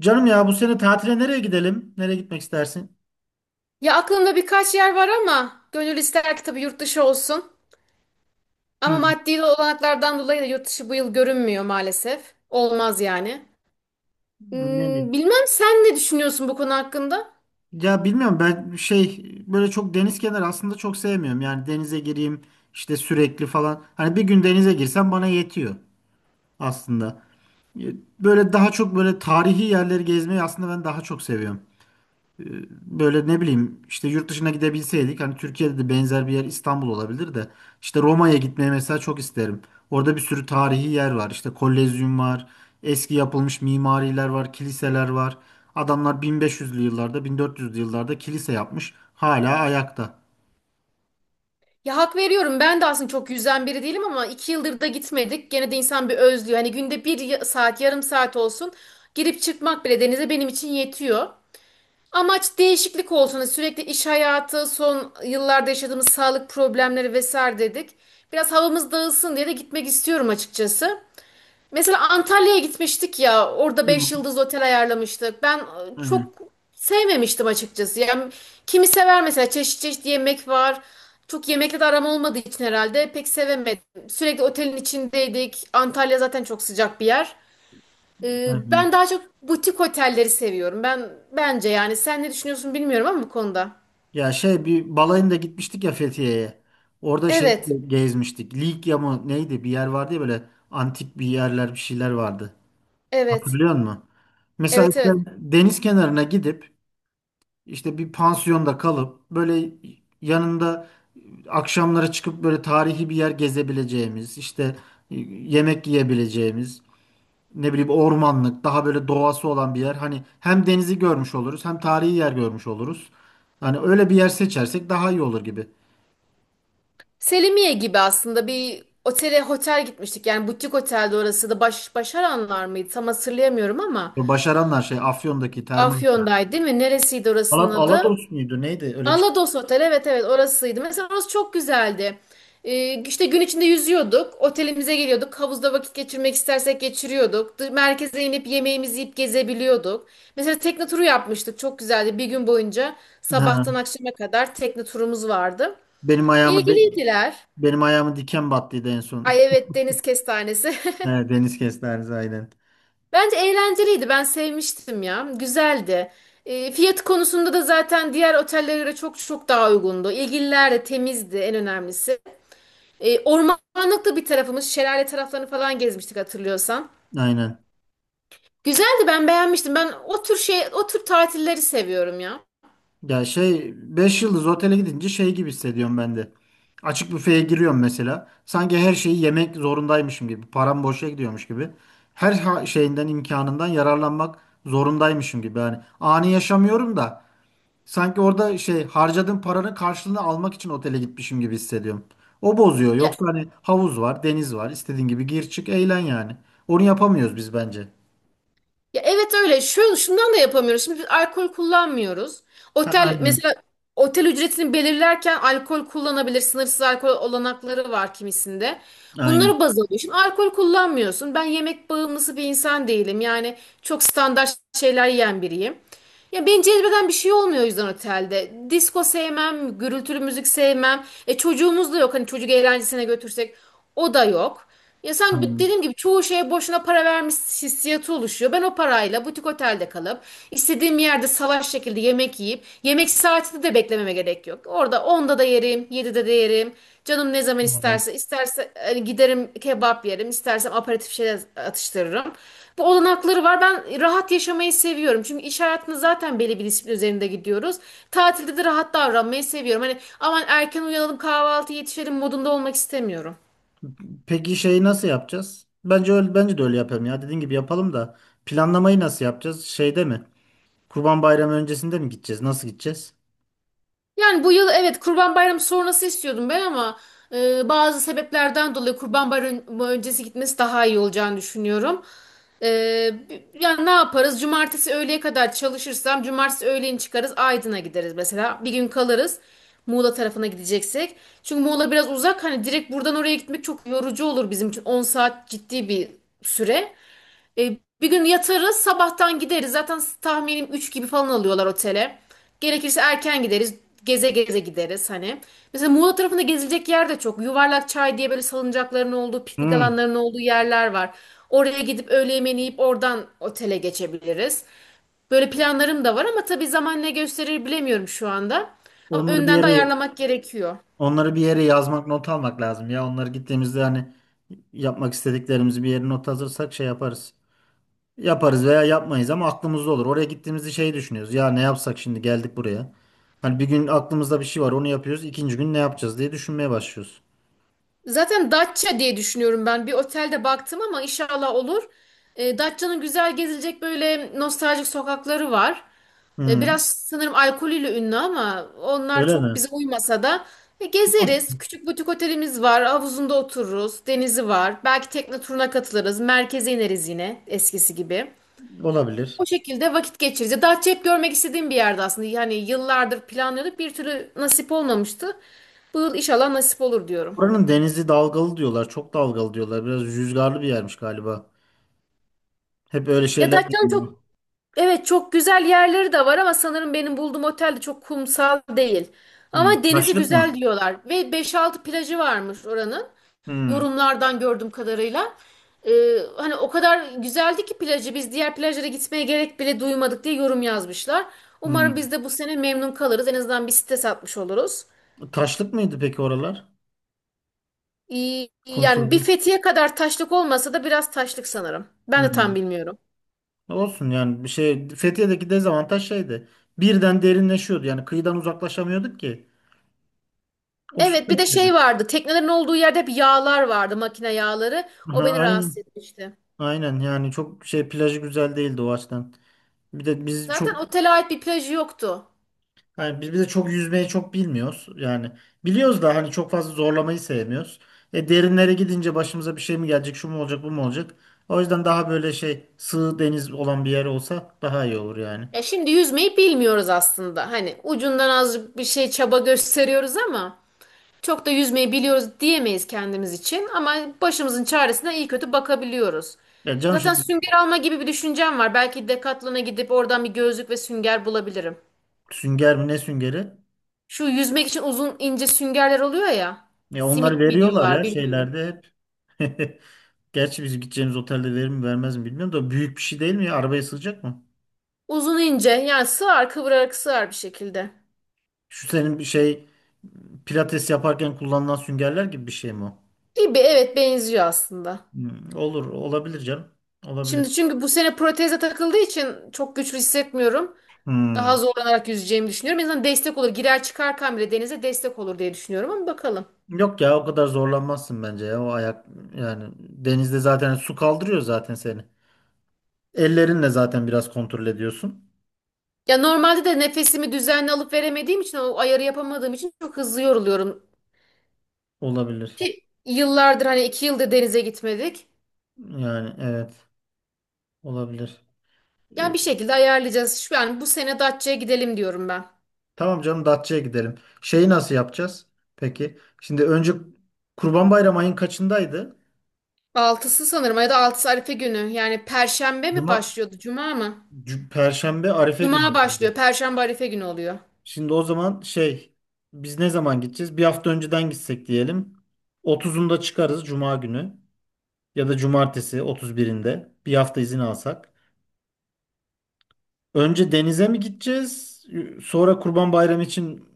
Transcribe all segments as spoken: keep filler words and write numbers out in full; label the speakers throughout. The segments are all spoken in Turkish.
Speaker 1: Canım ya bu sene tatile nereye gidelim? Nereye gitmek istersin?
Speaker 2: Ya aklımda birkaç yer var ama gönül ister ki tabii yurt dışı olsun. Ama
Speaker 1: Hı.
Speaker 2: maddi olanaklardan dolayı da yurt dışı bu yıl görünmüyor maalesef. Olmaz yani.
Speaker 1: Nereye?
Speaker 2: Hmm, bilmem sen ne düşünüyorsun bu konu hakkında?
Speaker 1: Ya bilmiyorum ben şey böyle çok deniz kenarı aslında çok sevmiyorum. Yani denize gireyim işte sürekli falan. Hani bir gün denize girsem bana yetiyor aslında. Böyle daha çok böyle tarihi yerleri gezmeyi aslında ben daha çok seviyorum. Böyle ne bileyim işte yurt dışına gidebilseydik hani Türkiye'de de benzer bir yer İstanbul olabilir de işte Roma'ya gitmeyi mesela çok isterim. Orada bir sürü tarihi yer var. İşte Kolezyum var. Eski yapılmış mimariler var, kiliseler var. Adamlar bin beş yüzlü yıllarda, bin dört yüzlü yıllarda kilise yapmış. Hala ayakta.
Speaker 2: Ya hak veriyorum ben de aslında çok yüzden biri değilim ama iki yıldır da gitmedik. Gene de insan bir özlüyor. Hani günde bir ya- saat yarım saat olsun girip çıkmak bile denize benim için yetiyor. Amaç değişiklik olsun. Hani sürekli iş hayatı, son yıllarda yaşadığımız sağlık problemleri vesaire dedik. Biraz havamız dağılsın diye de gitmek istiyorum açıkçası. Mesela Antalya'ya gitmiştik ya. Orada
Speaker 1: Hı,
Speaker 2: beş yıldız otel ayarlamıştık. Ben e,
Speaker 1: Aynen,
Speaker 2: çok sevmemiştim açıkçası. Yani kimi sever mesela çeşit çeşit yemek var. Çok yemekle de aram olmadığı için herhalde pek sevemedim. Sürekli otelin içindeydik. Antalya zaten çok sıcak bir yer. Ee,
Speaker 1: aynen.
Speaker 2: ben daha çok butik otelleri seviyorum. Ben bence yani sen ne düşünüyorsun bilmiyorum ama bu konuda.
Speaker 1: Ya şey bir balayında gitmiştik ya Fethiye'ye. Orada şey
Speaker 2: Evet.
Speaker 1: gezmiştik. Likya mı neydi? Bir yer vardı ya böyle antik bir yerler bir şeyler vardı.
Speaker 2: Evet.
Speaker 1: Hatırlıyor musun? Mesela
Speaker 2: Evet,
Speaker 1: işte
Speaker 2: evet.
Speaker 1: deniz kenarına gidip işte bir pansiyonda kalıp böyle yanında akşamlara çıkıp böyle tarihi bir yer gezebileceğimiz, işte e, yemek yiyebileceğimiz, ne bileyim ormanlık, daha böyle doğası olan bir yer. Hani hem denizi görmüş oluruz, hem tarihi yer görmüş oluruz. Hani öyle bir yer seçersek daha iyi olur gibi.
Speaker 2: Selimiye gibi aslında bir otele otel gitmiştik. Yani butik otelde orası da baş, Başaranlar mıydı? Tam hatırlayamıyorum ama
Speaker 1: Başaranlar şey Afyon'daki termal.
Speaker 2: Afyon'daydı değil mi? Neresiydi orasının
Speaker 1: Alat
Speaker 2: adı?
Speaker 1: Alados muydu? Neydi? Öyle bir şey.
Speaker 2: Alados Otel, evet evet, orasıydı. Mesela orası çok güzeldi. Ee, işte gün içinde yüzüyorduk. Otelimize geliyorduk. Havuzda vakit geçirmek istersek geçiriyorduk. Dı- Merkeze inip yemeğimizi yiyip gezebiliyorduk. Mesela tekne turu yapmıştık. Çok güzeldi. Bir gün boyunca sabahtan
Speaker 1: Ha,
Speaker 2: akşama kadar tekne turumuz vardı.
Speaker 1: benim ayağımı
Speaker 2: İlgiliydiler.
Speaker 1: benim ayağımı diken battıydı en son.
Speaker 2: Ay evet, deniz kestanesi.
Speaker 1: Evet, deniz kestanesi aynen.
Speaker 2: Bence eğlenceliydi. Ben sevmiştim ya. Güzeldi. E, fiyat konusunda da zaten diğer otellere göre çok çok daha uygundu. İlgililer de temizdi, en önemlisi. E, ormanlıkta bir tarafımız, şelale taraflarını falan gezmiştik hatırlıyorsan.
Speaker 1: Aynen.
Speaker 2: Güzeldi, ben beğenmiştim. Ben o tür şey, o tür tatilleri seviyorum ya.
Speaker 1: Ya şey beş yıldız otele gidince şey gibi hissediyorum ben de. Açık büfeye giriyorum mesela. Sanki her şeyi yemek zorundaymışım gibi. Param boşa gidiyormuş gibi. Her ha- şeyinden imkanından yararlanmak zorundaymışım gibi. Yani ani yaşamıyorum da sanki orada şey harcadığım paranın karşılığını almak için otele gitmişim gibi hissediyorum. O bozuyor.
Speaker 2: Ya
Speaker 1: Yoksa hani havuz var, deniz var. İstediğin gibi gir çık eğlen yani. Onu yapamıyoruz biz bence.
Speaker 2: Ya evet, öyle. Şu, şundan da yapamıyoruz. Şimdi biz alkol kullanmıyoruz.
Speaker 1: Ha,
Speaker 2: Otel
Speaker 1: aynen.
Speaker 2: mesela otel ücretini belirlerken alkol kullanabilir. Sınırsız alkol olanakları var kimisinde.
Speaker 1: Aynen.
Speaker 2: Bunları baz alıyor. Şimdi alkol kullanmıyorsun. Ben yemek bağımlısı bir insan değilim. Yani çok standart şeyler yiyen biriyim. Ya beni cezbeden bir şey olmuyor o yüzden otelde. Disko sevmem, gürültülü müzik sevmem. E çocuğumuz da yok. Hani çocuk eğlencesine götürsek o da yok. Ya sen bi-
Speaker 1: Aynen.
Speaker 2: dediğim gibi çoğu şeye boşuna para vermiş hissiyatı oluşuyor. Ben o parayla butik otelde kalıp istediğim yerde salaş şekilde yemek yiyip yemek saatinde de beklememe gerek yok. Orada onda da yerim, yedide de yerim. Canım ne zaman
Speaker 1: Aynen.
Speaker 2: isterse, isterse hani giderim kebap yerim, istersem aperatif şeyler atıştırırım. Bu olanakları var. Ben rahat yaşamayı seviyorum. Çünkü iş hayatında zaten belli bir disiplin üzerinde gidiyoruz. Tatilde de rahat davranmayı seviyorum. Hani aman erken uyanalım, kahvaltı yetişelim modunda olmak istemiyorum.
Speaker 1: Peki şeyi nasıl yapacağız? Bence öyle, bence de öyle yapalım ya. Dediğin gibi yapalım da planlamayı nasıl yapacağız? Şeyde mi? Kurban Bayramı öncesinde mi gideceğiz? Nasıl gideceğiz?
Speaker 2: Yani bu yıl evet, Kurban Bayramı sonrası istiyordum ben ama e, bazı sebeplerden dolayı Kurban Bayramı öncesi gitmesi daha iyi olacağını düşünüyorum. E, yani ne yaparız? Cumartesi öğleye kadar çalışırsam cumartesi öğleyin çıkarız, Aydın'a gideriz mesela. Bir gün kalırız Muğla tarafına gideceksek. Çünkü Muğla biraz uzak, hani direkt buradan oraya gitmek çok yorucu olur bizim için. On saat ciddi bir süre. E, bir gün yatarız, sabahtan gideriz. Zaten tahminim üç gibi falan alıyorlar otele. Gerekirse erken gideriz. Geze geze gideriz hani. Mesela Muğla tarafında gezilecek yer de çok. Yuvarlak Çay diye böyle salıncakların olduğu, piknik
Speaker 1: Hmm.
Speaker 2: alanlarının olduğu yerler var. Oraya gidip öğle yemeğini yiyip oradan otele geçebiliriz. Böyle planlarım da var ama tabii zaman ne gösterir bilemiyorum şu anda. Ama
Speaker 1: Onları bir
Speaker 2: önden de
Speaker 1: yere
Speaker 2: ayarlamak gerekiyor.
Speaker 1: Onları bir yere yazmak, not almak lazım ya. Onları gittiğimizde hani yapmak istediklerimizi bir yere not alırsak şey yaparız. Yaparız veya yapmayız ama aklımızda olur. Oraya gittiğimizde şey düşünüyoruz. Ya ne yapsak şimdi geldik buraya. Hani bir gün aklımızda bir şey var onu yapıyoruz. İkinci gün ne yapacağız diye düşünmeye başlıyoruz.
Speaker 2: Zaten Datça diye düşünüyorum ben. Bir otelde baktım ama inşallah olur. E, Datça'nın güzel gezilecek böyle nostaljik sokakları var. E,
Speaker 1: Hmm.
Speaker 2: biraz sanırım alkolüyle ünlü ama onlar
Speaker 1: Öyle
Speaker 2: çok
Speaker 1: mi?
Speaker 2: bize uymasa da e, gezeriz. Küçük butik otelimiz var. Havuzunda otururuz. Denizi var. Belki tekne turuna katılırız. Merkeze ineriz yine eskisi gibi.
Speaker 1: Olabilir.
Speaker 2: O şekilde vakit geçiririz. Ya Datça hep görmek istediğim bir yerde aslında. Yani yıllardır planlıyorduk. Bir türlü nasip olmamıştı. Bu yıl inşallah nasip olur diyorum.
Speaker 1: Buranın denizi dalgalı diyorlar. Çok dalgalı diyorlar. Biraz rüzgarlı bir yermiş galiba. Hep öyle
Speaker 2: Ya
Speaker 1: şeyler
Speaker 2: Datça'nın
Speaker 1: duyuyorum.
Speaker 2: çok... Evet, çok güzel yerleri de var ama sanırım benim bulduğum otel de çok kumsal değil.
Speaker 1: Hmm.
Speaker 2: Ama denizi
Speaker 1: Taşlık
Speaker 2: güzel
Speaker 1: mı?
Speaker 2: diyorlar ve beş altı plajı varmış oranın.
Speaker 1: Hmm.
Speaker 2: Yorumlardan gördüğüm kadarıyla. Ee, hani o kadar güzeldi ki plajı, biz diğer plajlara gitmeye gerek bile duymadık diye yorum yazmışlar.
Speaker 1: Hmm.
Speaker 2: Umarım biz de bu sene memnun kalırız. En azından bir site satmış oluruz.
Speaker 1: Taşlık mıydı peki oralar?
Speaker 2: İyi- yani bir
Speaker 1: Kumsuzluk.
Speaker 2: Fethiye kadar taşlık olmasa da biraz taşlık sanırım. Ben de
Speaker 1: Hmm.
Speaker 2: tam bilmiyorum.
Speaker 1: Olsun yani bir şey Fethiye'deki dezavantaj şeydi. Birden derinleşiyordu. Yani kıyıdan uzaklaşamıyorduk ki. O su
Speaker 2: Evet, bir de
Speaker 1: kötüydü.
Speaker 2: şey vardı. Teknelerin olduğu yerde hep yağlar vardı. Makine yağları. O
Speaker 1: Aha,
Speaker 2: beni
Speaker 1: aynen.
Speaker 2: rahatsız etmişti.
Speaker 1: Aynen yani çok şey plajı güzel değildi o açıdan. Bir de biz
Speaker 2: Zaten
Speaker 1: çok
Speaker 2: otele ait bir plajı yoktu.
Speaker 1: Hani biz bir de çok yüzmeyi çok bilmiyoruz. Yani biliyoruz da hani çok fazla zorlamayı sevmiyoruz. E derinlere gidince başımıza bir şey mi gelecek, şu mu olacak, bu mu olacak? O yüzden daha böyle şey sığ deniz olan bir yer olsa daha iyi olur yani.
Speaker 2: Ya şimdi yüzmeyi bilmiyoruz aslında. Hani ucundan az bir şey çaba gösteriyoruz ama çok da yüzmeyi biliyoruz diyemeyiz kendimiz için. Ama başımızın çaresine iyi kötü bakabiliyoruz.
Speaker 1: Ya canım
Speaker 2: Zaten
Speaker 1: şimdi
Speaker 2: sünger alma gibi bir düşüncem var. Belki Decathlon'a gidip oradan bir gözlük ve sünger bulabilirim.
Speaker 1: sünger mi ne süngeri?
Speaker 2: Şu yüzmek için uzun ince süngerler oluyor ya.
Speaker 1: Ya onları
Speaker 2: Simit mi
Speaker 1: veriyorlar
Speaker 2: diyorlar
Speaker 1: ya
Speaker 2: bilmiyorum.
Speaker 1: şeylerde hep. Gerçi biz gideceğimiz otelde verir mi vermez mi bilmiyorum da büyük bir şey değil mi ya? Arabaya sığacak mı?
Speaker 2: Uzun ince, yani sığar, kıvırarak sığar bir şekilde.
Speaker 1: Şu senin bir şey pilates yaparken kullanılan süngerler gibi bir şey mi o?
Speaker 2: Gibi, evet, benziyor aslında.
Speaker 1: Hmm, olur, olabilir canım.
Speaker 2: Şimdi
Speaker 1: Olabilir.
Speaker 2: çünkü bu sene proteze takıldığı için çok güçlü hissetmiyorum. Daha
Speaker 1: Hmm.
Speaker 2: zorlanarak yüzeceğimi düşünüyorum. En azından destek olur. Girer çıkarken bile denize destek olur diye düşünüyorum ama bakalım.
Speaker 1: Yok ya o kadar zorlanmazsın bence ya o ayak yani denizde zaten su kaldırıyor zaten seni. Ellerinle zaten biraz kontrol ediyorsun.
Speaker 2: Ya normalde de nefesimi düzenli alıp veremediğim için, o ayarı yapamadığım için çok hızlı yoruluyorum.
Speaker 1: Olabilir.
Speaker 2: Ki yıllardır, hani iki yıldır denize gitmedik.
Speaker 1: Yani evet olabilir. Ee,
Speaker 2: Yani bir şekilde ayarlayacağız. Şu, yani bu sene Datça'ya gidelim diyorum ben.
Speaker 1: tamam canım Datça'ya gidelim. Şeyi nasıl yapacağız? Peki. Şimdi önce Kurban Bayramı ayın kaçındaydı?
Speaker 2: Altısı sanırım, ya da altısı Arife günü. Yani Perşembe mi
Speaker 1: Cuma,
Speaker 2: başlıyordu, Cuma mı?
Speaker 1: C- Perşembe Arife
Speaker 2: Cuma
Speaker 1: günüydü.
Speaker 2: başlıyor, Perşembe Arife günü oluyor.
Speaker 1: Şimdi o zaman şey biz ne zaman gideceğiz? Bir hafta önceden gitsek diyelim. Otuzunda çıkarız Cuma günü. Ya da cumartesi otuz birinde bir hafta izin alsak. Önce denize mi gideceğiz? Sonra Kurban Bayramı için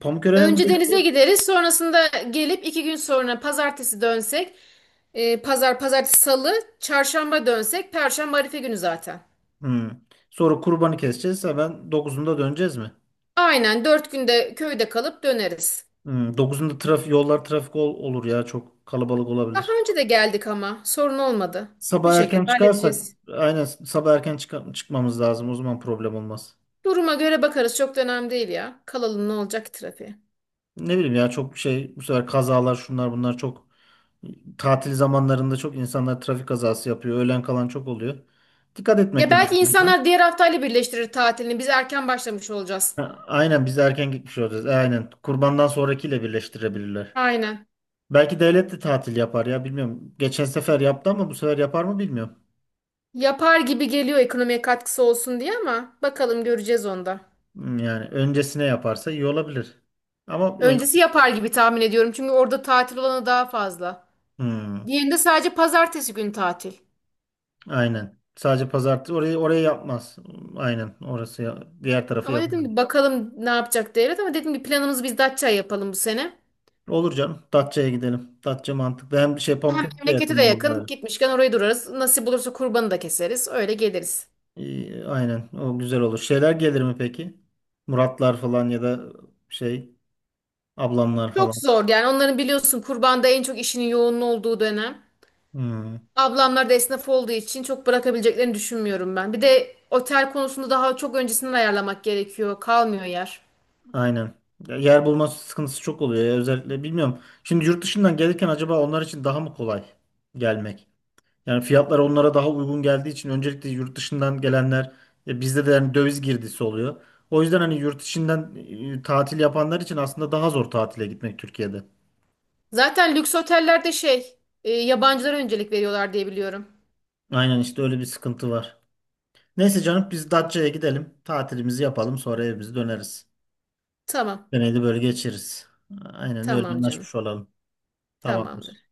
Speaker 1: Pamukören'e mi
Speaker 2: Önce denize
Speaker 1: gideceğiz?
Speaker 2: gideriz, sonrasında gelip iki gün sonra Pazartesi dönsek, e, Pazar, Pazartesi, Salı, Çarşamba dönsek, Perşembe Arife günü zaten.
Speaker 1: Hmm. Sonra kurbanı keseceğiz. Hemen dokuzunda döneceğiz mi?
Speaker 2: Aynen, dört günde köyde kalıp döneriz.
Speaker 1: Hmm. dokuzunda trafik, yollar trafik ol- olur ya. Çok kalabalık
Speaker 2: Daha
Speaker 1: olabilir.
Speaker 2: önce de geldik ama sorun olmadı. Bir
Speaker 1: Sabah
Speaker 2: şekilde
Speaker 1: erken çıkarsak
Speaker 2: halledeceğiz.
Speaker 1: aynen sabah erken çıka- çıkmamız lazım. O zaman problem olmaz.
Speaker 2: Duruma göre bakarız, çok da önemli değil ya. Kalalım, ne olacak ki trafiğe.
Speaker 1: Ne bileyim ya çok şey bu sefer kazalar şunlar bunlar çok. Tatil zamanlarında çok insanlar trafik kazası yapıyor. Öğlen kalan çok oluyor. Dikkat
Speaker 2: Ya
Speaker 1: etmek
Speaker 2: belki
Speaker 1: lazım bunlara.
Speaker 2: insanlar diğer haftayla birleştirir tatilini. Biz erken başlamış olacağız.
Speaker 1: Ha, aynen biz erken gitmiş olacağız. E, aynen. Kurbandan sonrakiyle birleştirebilirler.
Speaker 2: Aynen.
Speaker 1: Belki devlet de tatil yapar ya bilmiyorum. Geçen sefer yaptı ama bu sefer yapar mı bilmiyorum.
Speaker 2: Yapar gibi geliyor, ekonomiye katkısı olsun diye ama bakalım, göreceğiz onda.
Speaker 1: Hmm, yani öncesine yaparsa iyi olabilir. Ama ön-
Speaker 2: Öncesi yapar gibi tahmin ediyorum. Çünkü orada tatil olanı daha fazla.
Speaker 1: Hmm,
Speaker 2: Diğerinde sadece pazartesi günü tatil.
Speaker 1: aynen. Sadece pazartesi orayı orayı yapmaz. Aynen orası ya- diğer tarafı
Speaker 2: Ama dedim
Speaker 1: yapamıyor.
Speaker 2: ki bakalım ne yapacak devlet, ama dedim ki planımızı biz Datça yapalım bu sene.
Speaker 1: Olur canım. Datça'ya gidelim. Datça mantıklı. Hem şey
Speaker 2: Hem
Speaker 1: Pamukkale'de
Speaker 2: memlekete de
Speaker 1: yakın
Speaker 2: yakın.
Speaker 1: olur.
Speaker 2: Gitmişken orayı durarız. Nasip olursa kurbanı da keseriz. Öyle geliriz.
Speaker 1: İyi, aynen o güzel olur. Şeyler gelir mi peki? Muratlar falan ya da şey ablamlar falan.
Speaker 2: Çok zor, yani onların biliyorsun kurbanda en çok işinin yoğunluğu olduğu dönem.
Speaker 1: Hmm,
Speaker 2: Ablamlar da esnaf olduğu için çok bırakabileceklerini düşünmüyorum ben. Bir de otel konusunda daha çok öncesinden ayarlamak gerekiyor. Kalmıyor yer.
Speaker 1: aynen. Ya yer bulma sıkıntısı çok oluyor ya özellikle bilmiyorum. Şimdi yurt dışından gelirken acaba onlar için daha mı kolay gelmek? Yani fiyatlar onlara daha uygun geldiği için öncelikle yurt dışından gelenler e, bizde de yani döviz girdisi oluyor. O yüzden hani yurt içinden e, tatil yapanlar için aslında daha zor tatile gitmek Türkiye'de.
Speaker 2: Zaten lüks otellerde şey, e, yabancılara öncelik veriyorlar diye biliyorum.
Speaker 1: Aynen işte öyle bir sıkıntı var. Neyse canım biz Datça'ya gidelim. Tatilimizi yapalım. Sonra evimize döneriz.
Speaker 2: Tamam.
Speaker 1: Deneyli böyle geçiriz. Aynen öyle
Speaker 2: Tamam canım.
Speaker 1: anlaşmış olalım. Tamamdır.
Speaker 2: Tamamdır.